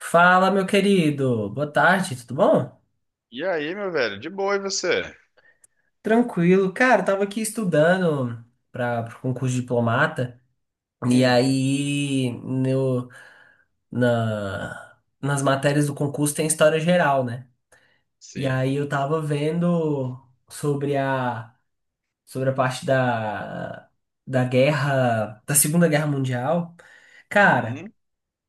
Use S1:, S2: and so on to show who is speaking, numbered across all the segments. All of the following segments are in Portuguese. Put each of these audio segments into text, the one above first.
S1: Fala, meu querido. Boa tarde, tudo bom?
S2: E aí, meu velho? De boa, e você?
S1: Tranquilo. Cara, eu tava aqui estudando para o concurso de diplomata. E
S2: Hum,
S1: aí, no, na, nas matérias do concurso tem história geral, né? E
S2: sim.
S1: aí eu tava vendo sobre a, sobre a parte da Segunda Guerra Mundial. Cara.
S2: Uhum,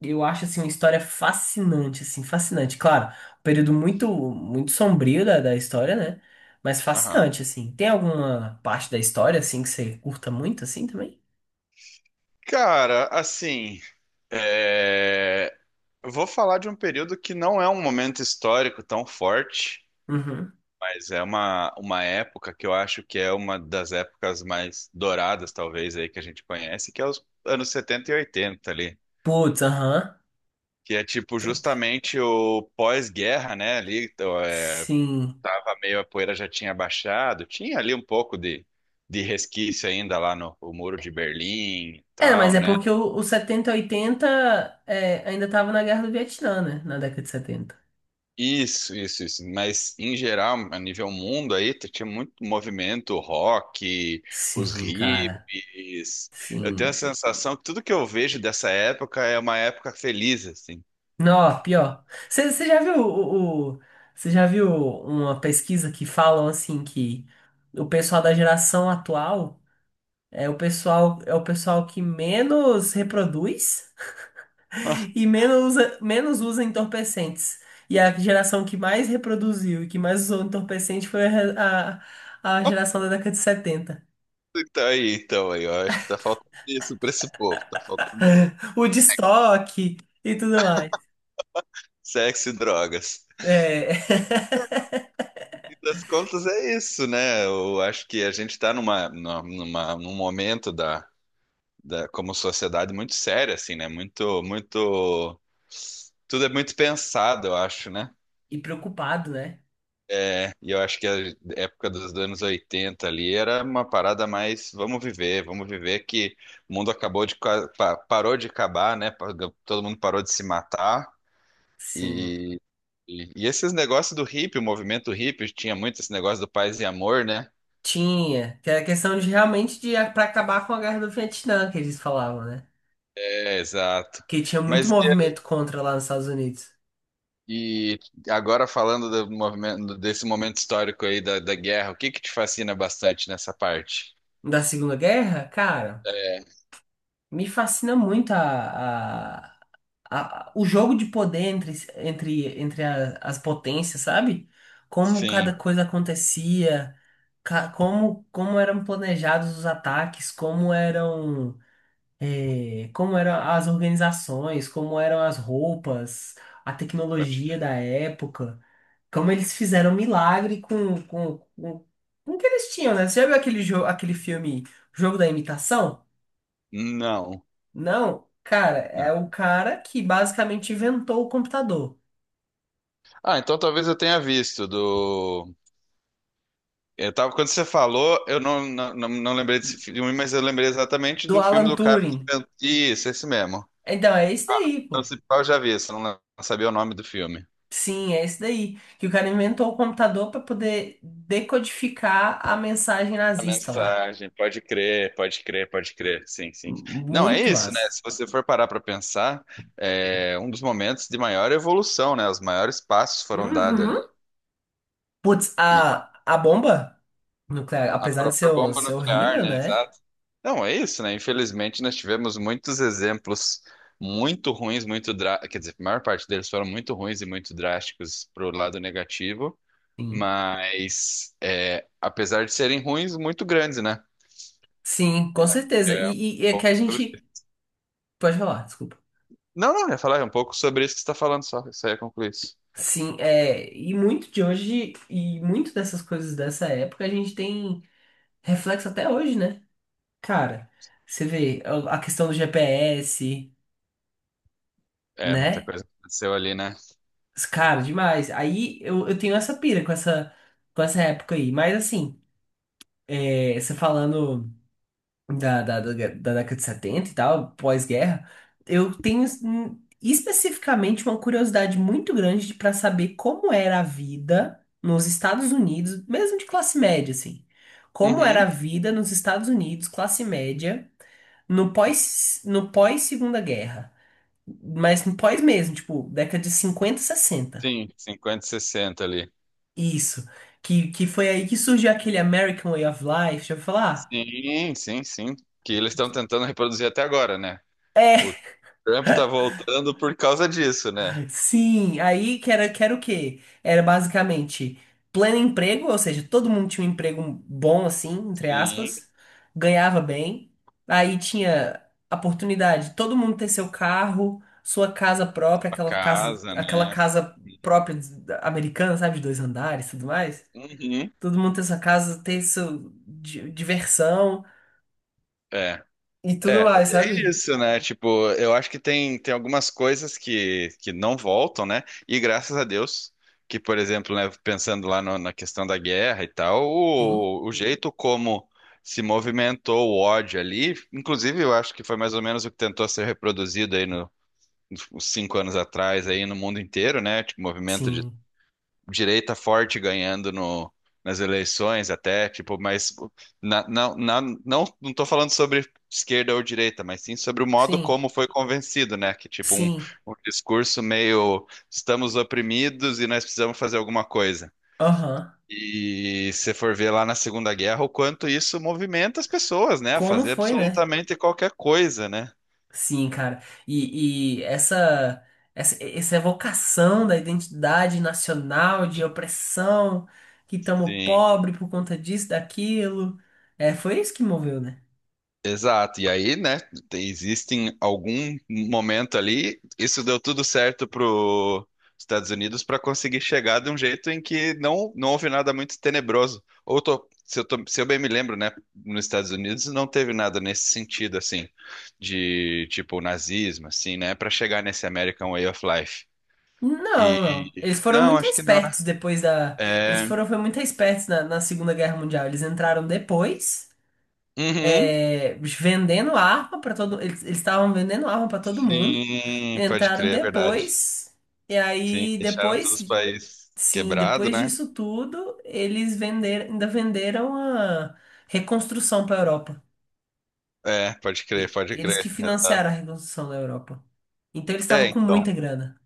S1: Eu acho assim uma história fascinante, assim, fascinante. Claro, um período muito muito sombrio da história, né? Mas
S2: aham.
S1: fascinante assim. Tem alguma parte da história assim que você curta muito assim também?
S2: Cara, assim, é, eu vou falar de um período que não é um momento histórico tão forte,
S1: Uhum.
S2: mas é uma época que eu acho que é uma das épocas mais douradas, talvez, aí que a gente conhece, que é os anos 70 e 80 ali.
S1: Putz, aham.
S2: Que é tipo
S1: Top.
S2: justamente o pós-guerra, né? Ali, então,
S1: Sim.
S2: meio a poeira já tinha baixado, tinha ali um pouco de resquício ainda lá no o Muro de Berlim e
S1: É, mas
S2: tal,
S1: é
S2: né?
S1: porque o 70 e 80 é, ainda tava na Guerra do Vietnã, né? Na década de setenta.
S2: Isso, isso, isso. Mas em geral, a nível mundo aí, tinha muito movimento rock, os
S1: Sim, cara.
S2: hippies. Eu tenho a
S1: Sim.
S2: sensação que tudo que eu vejo dessa época é uma época feliz, assim.
S1: Não, pior. Você você já viu o- você já viu uma pesquisa que falam assim que o pessoal da geração atual é o pessoal que menos reproduz e menos usa entorpecentes. E a geração que mais reproduziu e que mais usou entorpecente foi a geração da década de setenta.
S2: Então aí, eu acho que tá faltando isso pra esse povo, tá faltando
S1: O de estoque e tudo mais.
S2: sexo e drogas.
S1: É,
S2: Das contas é isso, né? Eu acho que a gente está numa, numa, num momento da, como sociedade muito sério, assim, né? Muito, muito, tudo é muito pensado, eu acho, né?
S1: e preocupado, né?
S2: E eu acho que a época dos anos 80 ali era uma parada mais, vamos viver que o mundo acabou de, parou de acabar, né? Todo mundo parou de se matar
S1: Sim.
S2: e e esses negócios do hippie, o movimento hippie, tinha muito esse negócio do paz e amor, né?
S1: Tinha, que era questão de realmente de para acabar com a guerra do Vietnã, que eles falavam, né?
S2: É, exato.
S1: Que tinha muito
S2: Mas
S1: movimento contra lá nos Estados Unidos.
S2: e agora falando do desse momento histórico aí da guerra, o que que te fascina bastante nessa parte?
S1: Da Segunda Guerra, cara,
S2: É,
S1: me fascina muito o jogo de poder entre as potências, sabe? Como
S2: sim,
S1: cada coisa acontecia, como eram planejados os ataques, como eram. Como eram as organizações, como eram as roupas, a
S2: pode crer.
S1: tecnologia da época, como eles fizeram milagre com o que eles tinham, né? Você já viu aquele filme Jogo da Imitação?
S2: Não,
S1: Não, cara, é
S2: não.
S1: o cara que basicamente inventou o computador,
S2: Ah, então talvez eu tenha visto do. Eu tava, quando você falou, eu não, não, não, não lembrei desse filme, mas eu lembrei exatamente
S1: do
S2: do filme
S1: Alan
S2: do cara que
S1: Turing.
S2: inventou. Isso, esse mesmo.
S1: Então, é isso daí,
S2: Então,
S1: pô.
S2: se pá, eu já vi, só não sabia o nome do filme.
S1: Sim, é isso daí. Que o cara inventou o computador para poder decodificar a mensagem
S2: A
S1: nazista lá.
S2: mensagem, pode crer, pode crer, pode crer, sim, sim. Não, é
S1: Muito
S2: isso, né?
S1: massa.
S2: Se você for parar para pensar, é um dos momentos de maior evolução, né? Os maiores passos foram dados ali.
S1: Uhum. Putz,
S2: E
S1: a bomba nuclear,
S2: a
S1: apesar de
S2: própria bomba
S1: ser
S2: nuclear,
S1: horrível,
S2: né?
S1: né?
S2: Exato. Não, é isso, né? Infelizmente, nós tivemos muitos exemplos muito ruins, muito drá quer dizer, a maior parte deles foram muito ruins e muito drásticos para o lado negativo,
S1: Sim.
S2: mas é, apesar de serem ruins, muito grandes, né?
S1: Sim, com certeza.
S2: É um
S1: E é que
S2: pouco
S1: a
S2: sobre
S1: gente. Pode falar, desculpa.
S2: Não, não, eu ia falar um pouco sobre isso que você está falando só. Isso aí ia concluir isso.
S1: Sim, é, e muito de hoje, e muito dessas coisas dessa época, a gente tem reflexo até hoje, né? Cara, você vê a questão do GPS,
S2: É, muita
S1: né?
S2: coisa aconteceu ali, né?
S1: Cara, demais. Aí eu tenho essa pira com essa época aí. Mas assim, você falando. Da década de 70 e tal, pós-guerra, eu tenho especificamente uma curiosidade muito grande para saber como era a vida nos Estados Unidos, mesmo de classe média, assim. Como era a
S2: Uhum.
S1: vida nos Estados Unidos, classe média, no pós-Segunda Guerra. Mas no pós mesmo, tipo, década de 50 sessenta.
S2: Sim, 50, e 60 ali.
S1: Isso. Que foi aí que surgiu aquele American Way of Life, já vou falar?
S2: Sim, sim, sim. Que eles estão tentando reproduzir até agora, né? O
S1: É.
S2: Trump tá voltando por causa disso, né?
S1: Sim, aí que era o quê? Era basicamente pleno emprego, ou seja, todo mundo tinha um emprego bom, assim, entre
S2: Sim,
S1: aspas, ganhava bem. Aí tinha a oportunidade de todo mundo ter seu carro, sua casa própria,
S2: a casa,
S1: aquela
S2: né?
S1: casa própria americana, sabe, de dois andares e tudo mais.
S2: Uhum.
S1: Todo mundo ter sua casa, ter sua diversão
S2: É.
S1: e tudo
S2: É,
S1: mais,
S2: é
S1: sabe?
S2: isso, né? Tipo, eu acho que tem algumas coisas que não voltam, né? E graças a Deus, que, por exemplo, né, pensando lá na questão da guerra e tal,
S1: Sim,
S2: o jeito como se movimentou o ódio ali, inclusive eu acho que foi mais ou menos o que tentou ser reproduzido aí no, nos 5 anos atrás, aí no mundo inteiro, né? Tipo, movimento de
S1: sim,
S2: direita forte ganhando no, nas eleições até, tipo, mas na, na, não não estou falando sobre esquerda ou direita, mas sim sobre o modo
S1: sim,
S2: como foi convencido, né? Que tipo um,
S1: sim,
S2: um discurso meio estamos oprimidos e nós precisamos fazer alguma coisa.
S1: aham.
S2: E se for ver lá na Segunda Guerra, o quanto isso movimenta as pessoas, né? A
S1: Como
S2: fazer
S1: foi, né?
S2: absolutamente qualquer coisa, né?
S1: Sim, cara. E, e essa, essa evocação da identidade nacional, de opressão, que estamos
S2: Sim.
S1: pobre por conta disso, daquilo, foi isso que moveu, né?
S2: Exato, e aí, né, existem algum momento ali, isso deu tudo certo para os Estados Unidos para conseguir chegar de um jeito em que não, não houve nada muito tenebroso. Ou se eu bem me lembro, né, nos Estados Unidos não teve nada nesse sentido, assim, de tipo nazismo, assim, né, para chegar nesse American Way of Life. E
S1: Não, não. Eles foram
S2: não,
S1: muito
S2: acho que não, né?
S1: espertos depois da. Eles
S2: É,
S1: foram foi muito espertos na Segunda Guerra Mundial. Eles entraram depois,
S2: uhum,
S1: vendendo arma para todo. Eles estavam vendendo arma para todo mundo.
S2: sim, pode
S1: Entraram
S2: crer, é verdade.
S1: depois. E
S2: Sim,
S1: aí,
S2: deixaram
S1: depois
S2: todos os países
S1: Sim,
S2: quebrado,
S1: depois
S2: né?
S1: disso tudo, eles ainda venderam a reconstrução para a Europa.
S2: É, pode crer,
S1: E-
S2: pode
S1: eles que
S2: crer. Exato.
S1: financiaram a reconstrução da Europa. Então eles
S2: É,
S1: estavam com
S2: então.
S1: muita grana.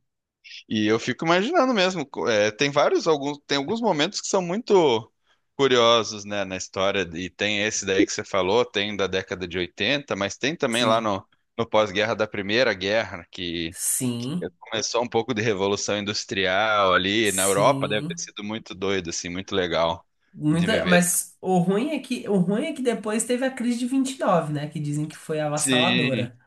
S2: E eu fico imaginando mesmo. Tem vários, alguns, tem alguns momentos que são muito curiosos, né, na história. E tem esse daí que você falou, tem da década de 80. Mas tem também lá
S1: Sim,
S2: no, no pós-guerra da Primeira Guerra, que
S1: sim,
S2: começou um pouco de revolução industrial ali na Europa. Deve ter
S1: sim.
S2: sido muito doido, assim, muito legal de
S1: Muita,
S2: viver.
S1: mas o ruim é que depois teve a crise de 29, né, que dizem que foi
S2: Sim.
S1: avassaladora.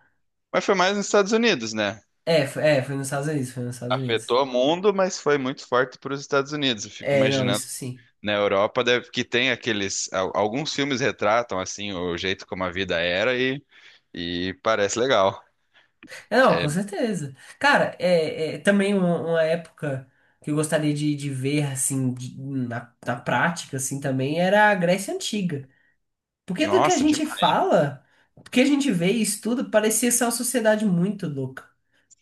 S2: Mas foi mais nos Estados Unidos, né?
S1: É, foi nos Estados Unidos, foi nos Estados Unidos.
S2: Afetou o mundo, mas foi muito forte para os Estados Unidos. Eu fico
S1: É, não,
S2: imaginando
S1: isso sim.
S2: na Europa deve, que tem aqueles. Alguns filmes retratam assim o jeito como a vida era e parece legal.
S1: É, não,
S2: É,
S1: com certeza. Cara, é também uma época que eu gostaria de ver, assim, na prática, assim, também era a Grécia Antiga. Porque do que a
S2: nossa, demais.
S1: gente fala, do que a gente vê e estuda, parecia ser uma sociedade muito louca.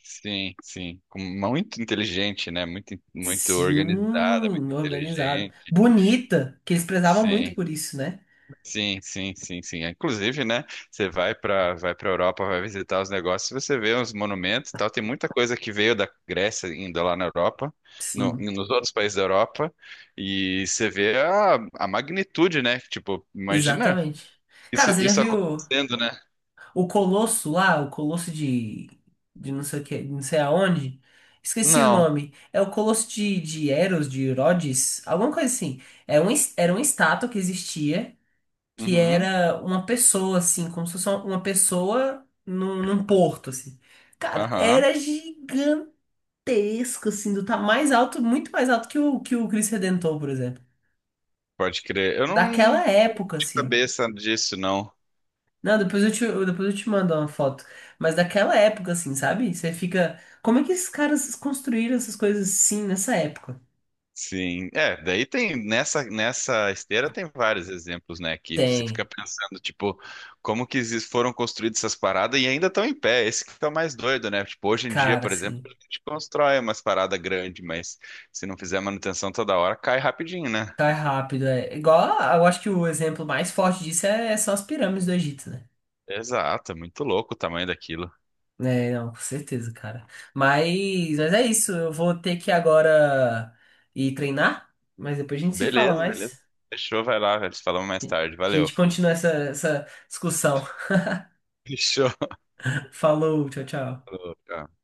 S2: Sim, sim. Muito inteligente, né? Muito, muito organizada, muito
S1: Sim, organizada.
S2: inteligente.
S1: Bonita, que eles prezavam muito
S2: Sim.
S1: por isso, né?
S2: Sim, sim, sim, sim. Inclusive, né? Você vai para Europa, vai visitar os negócios, você vê uns monumentos, e tal. Tem muita coisa que veio da Grécia ainda lá na Europa,
S1: Sim,
S2: nos outros países da Europa, e você vê a magnitude, né? Tipo, imagina
S1: exatamente. Cara,
S2: isso
S1: você já
S2: isso
S1: viu.
S2: acontecendo, né?
S1: O Colosso lá, o Colosso de não sei o que, não sei aonde. Esqueci o
S2: Não.
S1: nome. É o Colosso de Eros, de Rhodes, alguma coisa assim. Era uma estátua que existia, que
S2: Uhum.
S1: era uma pessoa, assim, como se fosse uma pessoa num porto, assim. Cara,
S2: Aham.
S1: era gigantesco, assim, do tá mais alto, muito mais alto que o Cristo Redentor, por exemplo.
S2: Pode crer. Eu não lembro
S1: Daquela época,
S2: de
S1: assim.
S2: cabeça disso, não.
S1: Não, depois eu te mando uma foto. Mas daquela época, assim, sabe? Você fica. Como é que esses caras construíram essas coisas assim nessa época?
S2: Sim, é, daí tem nessa esteira tem vários exemplos, né, que você fica
S1: Tem,
S2: pensando, tipo, como que foram construídas essas paradas e ainda estão em pé. Esse que é o mais doido, né? Tipo, hoje em dia,
S1: cara,
S2: por exemplo,
S1: assim.
S2: a gente constrói umas paradas grandes, mas se não fizer manutenção toda hora, cai rapidinho, né?
S1: Tá rápido, é. Igual, eu acho que o exemplo mais forte disso são as pirâmides do Egito, né?
S2: Exato, é muito louco o tamanho daquilo.
S1: É, não, com certeza, cara. Mas é isso. Eu vou ter que agora ir treinar. Mas depois a gente se fala
S2: Beleza, beleza.
S1: mais.
S2: Fechou, vai lá, velho. Falamos mais
S1: A
S2: tarde. Valeu.
S1: gente continua essa discussão.
S2: Fechou.
S1: Falou, tchau, tchau.
S2: Falou, tchau.